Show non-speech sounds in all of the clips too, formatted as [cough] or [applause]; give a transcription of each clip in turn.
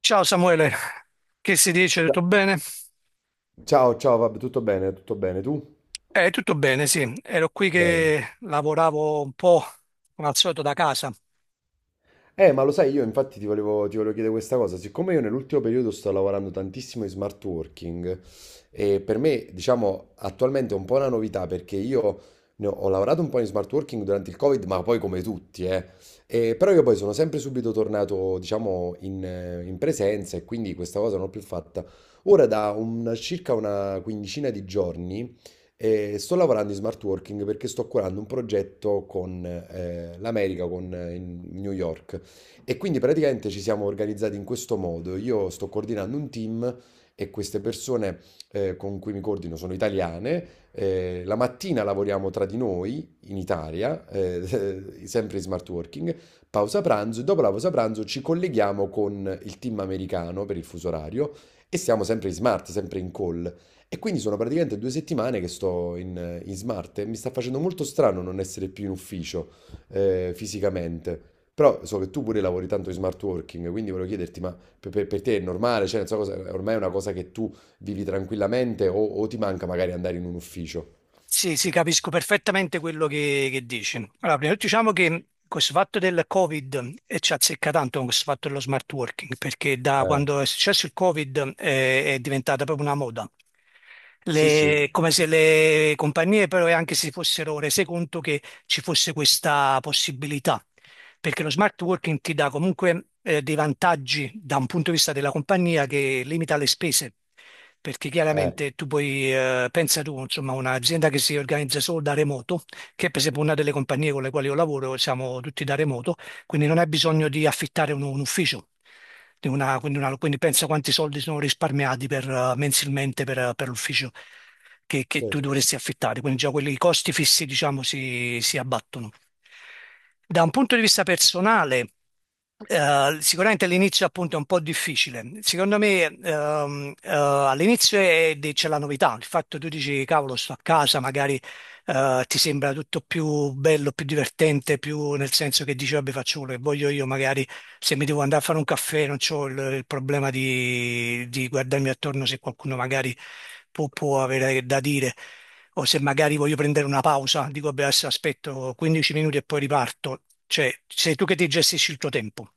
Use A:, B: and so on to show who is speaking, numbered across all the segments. A: Ciao Samuele, che si dice? Tutto
B: Ciao,
A: bene?
B: ciao, ciao, vabbè, tutto bene, tutto bene. Tu?
A: Tutto bene, sì. Ero qui
B: Bene.
A: che lavoravo un po' come al solito da casa.
B: Ma lo sai, io infatti ti volevo chiedere questa cosa. Siccome io nell'ultimo periodo sto lavorando tantissimo in smart working, e per me, diciamo, attualmente è un po' una novità perché io ho lavorato un po' in smart working durante il Covid, ma poi come tutti, eh. E però io poi sono sempre subito tornato, diciamo, in presenza e quindi questa cosa non l'ho più fatta. Ora circa una quindicina di giorni sto lavorando in smart working perché sto curando un progetto con l'America, con in New York. E quindi praticamente ci siamo organizzati in questo modo. Io sto coordinando un team e queste persone con cui mi coordino sono italiane. La mattina lavoriamo tra di noi in Italia, [laughs] sempre in smart working, pausa pranzo e dopo la pausa pranzo ci colleghiamo con il team americano per il fuso orario e siamo sempre in smart, sempre in call. E quindi sono praticamente 2 settimane che sto in smart e mi sta facendo molto strano non essere più in ufficio fisicamente. Però so che tu pure lavori tanto in smart working, quindi volevo chiederti, ma per te è normale? Cioè, non so cosa, è ormai è una cosa che tu vivi tranquillamente o ti manca magari andare in un ufficio?
A: Sì, capisco perfettamente quello che, dici. Allora, prima di tutto diciamo che questo fatto del Covid ci azzecca tanto con questo fatto dello smart working, perché da
B: Eh,
A: quando è successo il Covid è diventata proprio una moda.
B: sì, sì,
A: Come se le compagnie però anche si fossero rese conto che ci fosse questa possibilità. Perché lo smart working ti dà comunque dei vantaggi da un punto di vista della compagnia che limita le spese, perché
B: eh,
A: chiaramente tu puoi, pensa tu, insomma, un'azienda che si organizza solo da remoto, che è per esempio una delle compagnie con le quali io lavoro, siamo tutti da remoto, quindi non hai bisogno di affittare un ufficio. Di una- quindi pensa quanti soldi sono risparmiati per, mensilmente per l'ufficio che tu
B: certo.
A: dovresti affittare, quindi già quelli, i costi fissi, diciamo, si abbattono. Da un punto di vista personale, sicuramente all'inizio appunto è un po' difficile. Secondo me all'inizio c'è la novità, il fatto che tu dici cavolo sto a casa, magari ti sembra tutto più bello, più divertente, più nel senso che dici, vabbè, faccio quello che voglio io, magari se mi devo andare a fare un caffè non ho il problema di guardarmi attorno se qualcuno magari può avere da dire. O se magari voglio prendere una pausa, dico, vabbè, adesso aspetto 15 minuti e poi riparto. Cioè, sei tu che ti gestisci il tuo tempo.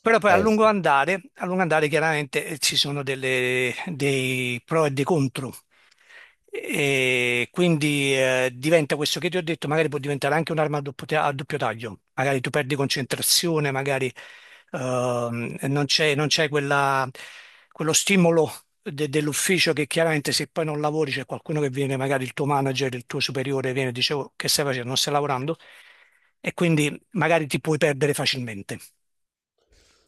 A: Però poi
B: Eh sì.
A: a lungo andare chiaramente ci sono dei pro e dei contro. E quindi diventa questo che ti ho detto, magari può diventare anche un'arma a a doppio taglio, magari tu perdi concentrazione, magari non c'è quello stimolo dell'ufficio che chiaramente se poi non lavori c'è qualcuno che viene, magari il tuo manager, il tuo superiore viene e dice "Oh, che stai facendo, non stai lavorando e quindi magari ti puoi perdere facilmente.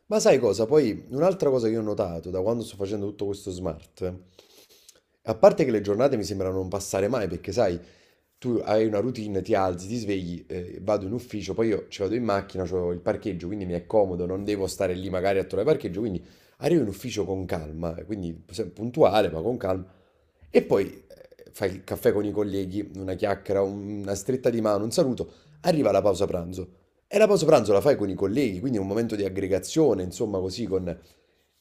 B: Ma sai cosa? Poi un'altra cosa che ho notato da quando sto facendo tutto questo smart. A parte che le giornate mi sembrano non passare mai, perché sai, tu hai una routine, ti alzi, ti svegli, vado in ufficio, poi io ci vado in macchina, ho il parcheggio, quindi mi è comodo, non devo stare lì magari a trovare parcheggio, quindi arrivo in ufficio con calma, quindi puntuale, ma con calma. E poi fai il caffè con i colleghi, una chiacchiera, una stretta di mano, un saluto, arriva la pausa pranzo. E la pausa pranzo la fai con i colleghi, quindi è un momento di aggregazione, insomma, così con...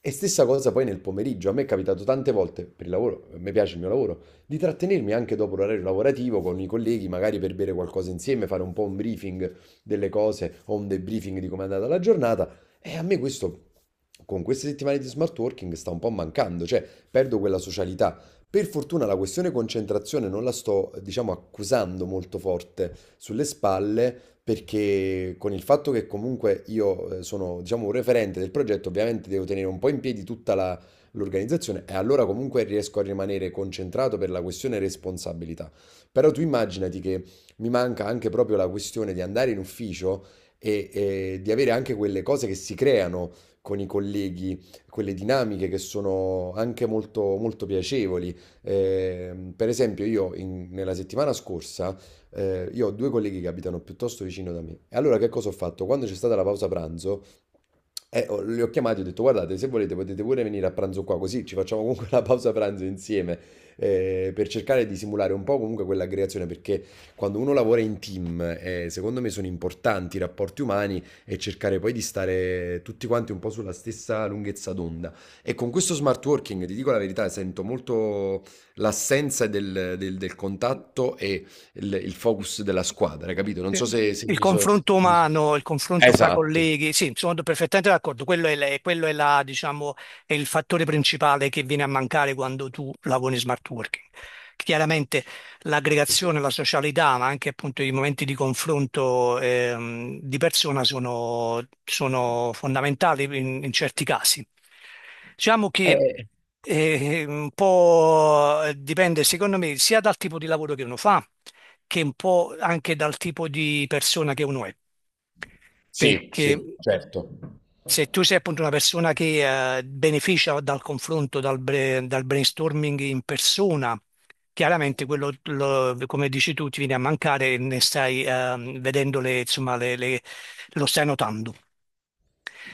B: E stessa cosa poi nel pomeriggio, a me è capitato tante volte, per il lavoro, a me piace il mio lavoro, di trattenermi anche dopo l'orario lavorativo con i colleghi, magari per bere qualcosa insieme, fare un po' un briefing delle cose o un debriefing di come è andata la giornata. E a me questo, con queste settimane di smart working, sta un po' mancando, cioè perdo quella socialità. Per fortuna la questione concentrazione non la sto, diciamo, accusando molto forte sulle spalle, perché con il fatto che comunque io sono, diciamo, un referente del progetto, ovviamente devo tenere un po' in piedi l'organizzazione e allora comunque riesco a rimanere concentrato per la questione responsabilità. Però tu immaginati che mi manca anche proprio la questione di andare in ufficio e di avere anche quelle cose che si creano con i colleghi, quelle dinamiche che sono anche molto, molto piacevoli. Per esempio, io nella settimana scorsa, io ho due colleghi che abitano piuttosto vicino da me. E allora che cosa ho fatto? Quando c'è stata la pausa pranzo, li ho chiamati e ho detto, guardate, se volete potete pure venire a pranzo qua, così ci facciamo comunque [laughs] la pausa pranzo insieme, per cercare di simulare un po' comunque quell'aggregazione, perché quando uno lavora in team, secondo me sono importanti i rapporti umani e cercare poi di stare tutti quanti un po' sulla stessa lunghezza d'onda. E con questo smart working, ti dico la verità, sento molto l'assenza del contatto e il focus della squadra, capito? Non
A: Sì.
B: so se se
A: Il
B: mi so
A: confronto
B: se mi so
A: umano, il confronto fra
B: Esatto.
A: colleghi, sì, sono perfettamente d'accordo. Quello è, quello è la, diciamo, è il fattore principale che viene a mancare quando tu lavori in smart working. Chiaramente l'aggregazione, la socialità, ma anche appunto i momenti di confronto di persona sono fondamentali in, in certi casi. Diciamo che
B: Eh,
A: un po' dipende, secondo me, sia dal tipo di lavoro che uno fa che un po' anche dal tipo di persona che uno è,
B: sì,
A: perché
B: sì, certo.
A: se tu sei appunto una persona che beneficia dal confronto, dal brainstorming in persona, chiaramente quello, come dici tu, ti viene a mancare e ne stai vedendo le, insomma, lo stai notando.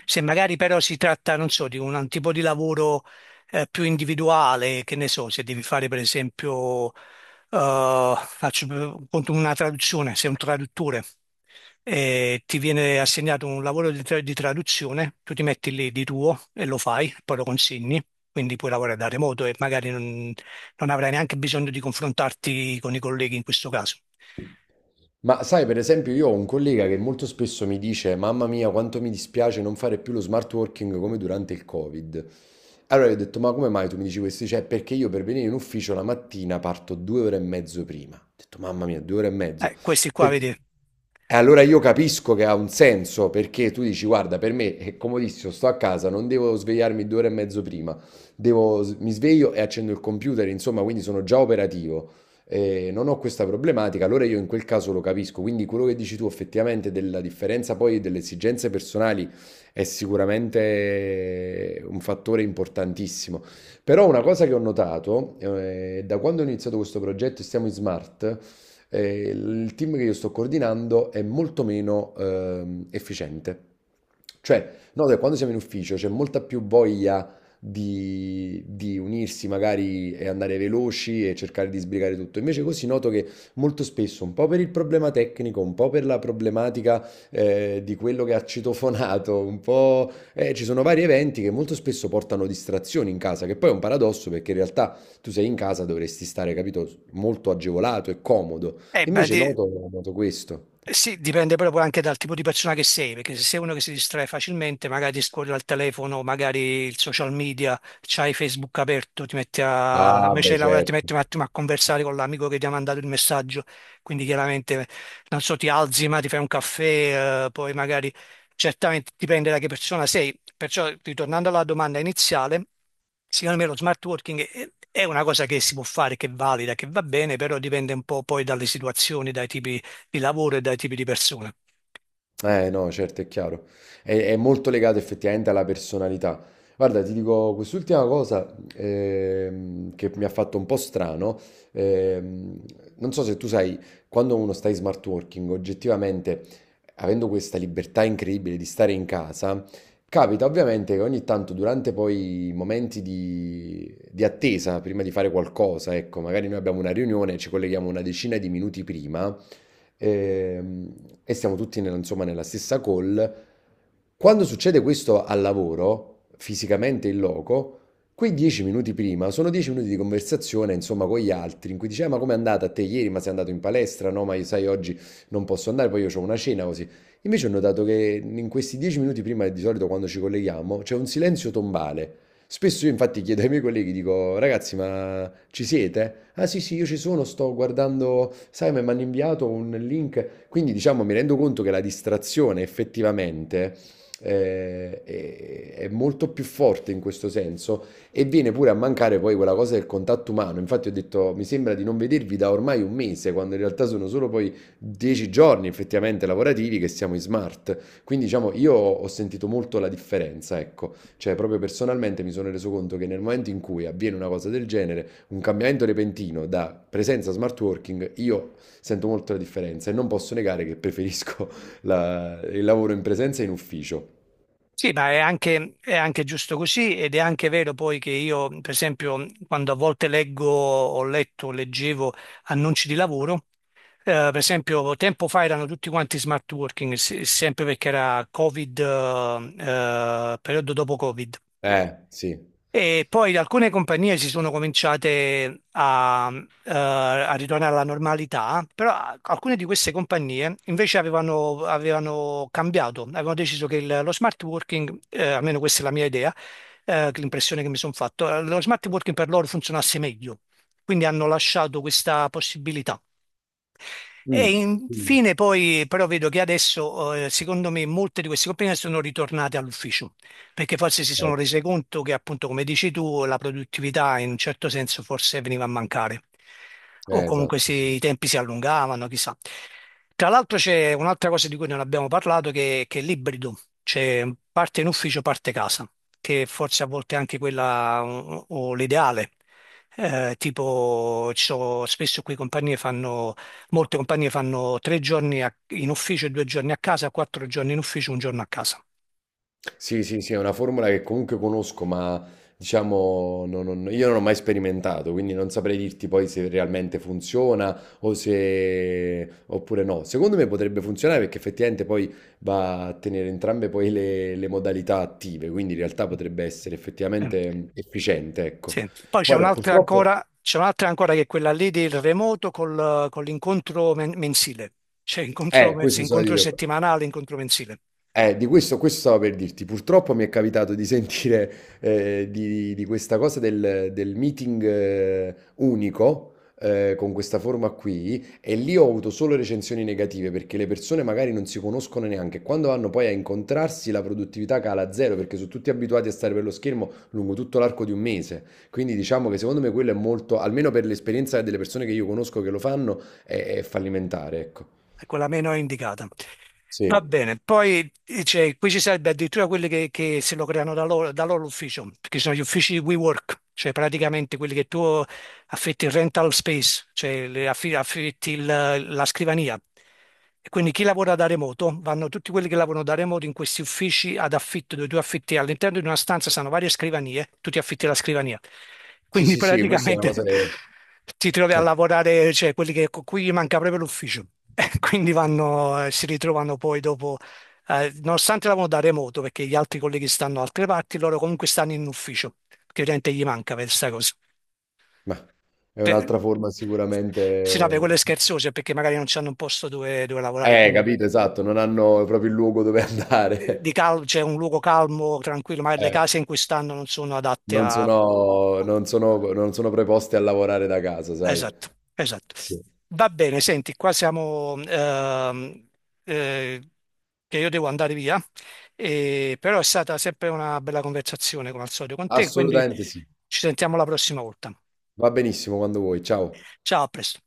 A: Se magari però si tratta, non so, di un tipo di lavoro più individuale, che ne so, se devi fare per esempio, conto una traduzione, sei un traduttore e ti viene assegnato un lavoro di, di traduzione, tu ti metti lì di tuo e lo fai, poi lo consegni, quindi puoi lavorare da remoto e magari non avrai neanche bisogno di confrontarti con i colleghi in questo caso.
B: Ma sai, per esempio, io ho un collega che molto spesso mi dice: Mamma mia, quanto mi dispiace non fare più lo smart working come durante il Covid. Allora gli ho detto: Ma come mai tu mi dici questo? Cioè, perché io per venire in ufficio la mattina parto 2 ore e mezzo prima. Ho detto: Mamma mia, 2 ore e mezzo.
A: Questi qua,
B: Perché-
A: vedi,
B: E allora io capisco che ha un senso perché tu dici: Guarda, per me è comodissimo, sto a casa, non devo svegliarmi 2 ore e mezzo prima. Mi sveglio e accendo il computer, insomma, quindi sono già operativo non ho questa problematica, allora io in quel caso lo capisco. Quindi quello che dici tu effettivamente della differenza poi delle esigenze personali è sicuramente un fattore importantissimo. Però una cosa che ho notato, da quando ho iniziato questo progetto e stiamo in smart, il team che io sto coordinando è molto meno efficiente. Cioè, no, da quando siamo in ufficio c'è molta più voglia di unirsi magari e andare veloci e cercare di sbrigare tutto. Invece così noto che molto spesso, un po' per il problema tecnico, un po' per la problematica di quello che ha citofonato, un po' ci sono vari eventi che molto spesso portano distrazioni in casa, che poi è un paradosso perché in realtà tu sei in casa, dovresti stare, capito, molto agevolato e comodo.
A: eh, beh,
B: Invece
A: di-
B: noto questo.
A: Eh sì, dipende proprio anche dal tipo di persona che sei, perché se sei uno che si distrae facilmente, magari scorri al telefono, magari il social media, c'hai Facebook aperto, ti metti a,
B: Ah,
A: invece
B: beh,
A: di lavorare ti
B: certo.
A: metti un attimo a conversare con l'amico che ti ha mandato il messaggio, quindi chiaramente, non so, ti alzi ma ti fai un caffè, poi magari, certamente dipende da che persona sei, perciò ritornando alla domanda iniziale, secondo me lo smart working è una cosa che si può fare, che è valida, che va bene, però dipende un po' poi dalle situazioni, dai tipi di lavoro e dai tipi di persone.
B: Eh no, certo, è chiaro. È molto legato effettivamente alla personalità. Guarda, ti dico quest'ultima cosa che mi ha fatto un po' strano. ehm, Non so se tu sai, quando uno sta in smart working, oggettivamente, avendo questa libertà incredibile di stare in casa, capita ovviamente che ogni tanto durante poi i momenti di attesa, prima di fare qualcosa, ecco, magari noi abbiamo una riunione, ci colleghiamo una decina di minuti prima ehm, e siamo tutti nella, insomma, nella stessa call. Quando succede questo al lavoro, fisicamente in loco, quei 10 minuti prima sono 10 minuti di conversazione, insomma, con gli altri, in cui dice, "Ah, ma com'è andata a te ieri? Ma sei andato in palestra? No, ma io, sai, oggi non posso andare, poi io ho una cena, così." Invece ho notato che in questi 10 minuti prima, di solito quando ci colleghiamo, c'è un silenzio tombale. Spesso io infatti chiedo ai miei colleghi, dico, ragazzi, ma ci siete? Ah sì, sì, io ci sono, sto guardando, sai, ma mi hanno inviato un link. Quindi diciamo, mi rendo conto che la distrazione effettivamente è molto più forte in questo senso e viene pure a mancare poi quella cosa del contatto umano. Infatti ho detto, mi sembra di non vedervi da ormai un mese, quando in realtà sono solo poi 10 giorni effettivamente lavorativi che siamo in smart. Quindi diciamo, io ho sentito molto la differenza, ecco. Cioè, proprio personalmente mi sono reso conto che nel momento in cui avviene una cosa del genere, un cambiamento repentino da presenza a smart working, io sento molto la differenza e non posso negare che preferisco [laughs] il lavoro in presenza e in ufficio.
A: Sì, ma è anche giusto così ed è anche vero poi che io, per esempio, quando a volte leggo, ho letto, leggevo annunci di lavoro, eh, per esempio, tempo fa erano tutti quanti smart working, sempre perché era Covid, periodo dopo Covid.
B: Sì.
A: E poi alcune compagnie si sono cominciate a ritornare alla normalità, però alcune di queste compagnie invece avevano cambiato, avevano deciso che lo smart working, almeno questa è la mia idea, che l'impressione che mi sono fatto, lo smart working per loro funzionasse meglio. Quindi hanno lasciato questa possibilità. E
B: Mm. Mm.
A: infine poi però vedo che adesso secondo me molte di queste compagnie sono ritornate all'ufficio perché forse si
B: Eh,
A: sono rese conto che appunto come dici tu la produttività in un certo senso forse veniva a mancare o comunque
B: esatto,
A: se
B: sì.
A: i tempi si allungavano chissà. Tra l'altro c'è un'altra cosa di cui non abbiamo parlato che è l'ibrido, cioè parte in ufficio parte casa che forse a volte è anche quella o l'ideale. Tipo, ci sono- spesso qui compagnie fanno molte compagnie fanno tre giorni in ufficio, due giorni a casa, quattro giorni in ufficio, un giorno a casa.
B: Sì, sì, sì, è una formula che comunque conosco, ma diciamo io non ho mai sperimentato, quindi non saprei dirti poi se realmente funziona o se... oppure no. Secondo me potrebbe funzionare perché effettivamente poi va a tenere entrambe poi le modalità attive, quindi in realtà potrebbe essere
A: Eh,
B: effettivamente efficiente, ecco.
A: sì. Poi c'è
B: Guarda,
A: un'altra
B: purtroppo...
A: ancora, c'è un'altra ancora che è quella lì del remoto con l'incontro mensile. C'è incontro,
B: Questo so
A: incontro
B: io.
A: settimanale, incontro mensile.
B: Di questo, questo stavo per dirti. Purtroppo mi è capitato di sentire di questa cosa del meeting unico con questa forma qui e lì ho avuto solo recensioni negative perché le persone magari non si conoscono neanche. Quando vanno poi a incontrarsi la produttività cala a zero perché sono tutti abituati a stare per lo schermo lungo tutto l'arco di un mese. Quindi diciamo che secondo me quello è molto, almeno per l'esperienza delle persone che io conosco che lo fanno, è fallimentare, ecco.
A: È quella meno indicata.
B: Sì,
A: Va bene, poi cioè, qui ci sarebbe addirittura quelli che se lo creano da loro l'ufficio, perché ci sono gli uffici di WeWork, cioè praticamente quelli che tu affitti il rental space, cioè le affitti la scrivania. E quindi chi lavora da remoto, vanno tutti quelli che lavorano da remoto in questi uffici ad affitto, dove tu affitti all'interno di una stanza, sono varie scrivanie, tu ti affitti la scrivania.
B: sì,
A: Quindi
B: sì, sì, questa è una cosa
A: praticamente
B: che...
A: [laughs] ti trovi a
B: [laughs]
A: lavorare, cioè quelli che, con cui gli manca proprio l'ufficio. [laughs] Quindi vanno, si ritrovano poi dopo, nonostante lavorano da remoto, perché gli altri colleghi stanno da altre parti, loro comunque stanno in ufficio, che ovviamente gli manca per questa cosa
B: Mah, è
A: per-
B: un'altra forma
A: Sì, no, per
B: sicuramente
A: quelle scherzose, perché magari non c'hanno un posto dove lavorare, quindi
B: capito, esatto, non hanno proprio il luogo dove andare. [laughs]
A: c'è un luogo calmo, tranquillo, magari le
B: Eh,
A: case in cui stanno non sono adatte
B: non
A: a...
B: sono non sono non sono preposti a lavorare da casa, sai.
A: Esatto, esatto.
B: Sì.
A: Va bene, senti, qua siamo... eh, che io devo andare via, però è stata sempre una bella conversazione come al solito con te, quindi
B: Assolutamente sì.
A: ci sentiamo la prossima volta.
B: Va benissimo, quando vuoi. Ciao.
A: Ciao, a presto.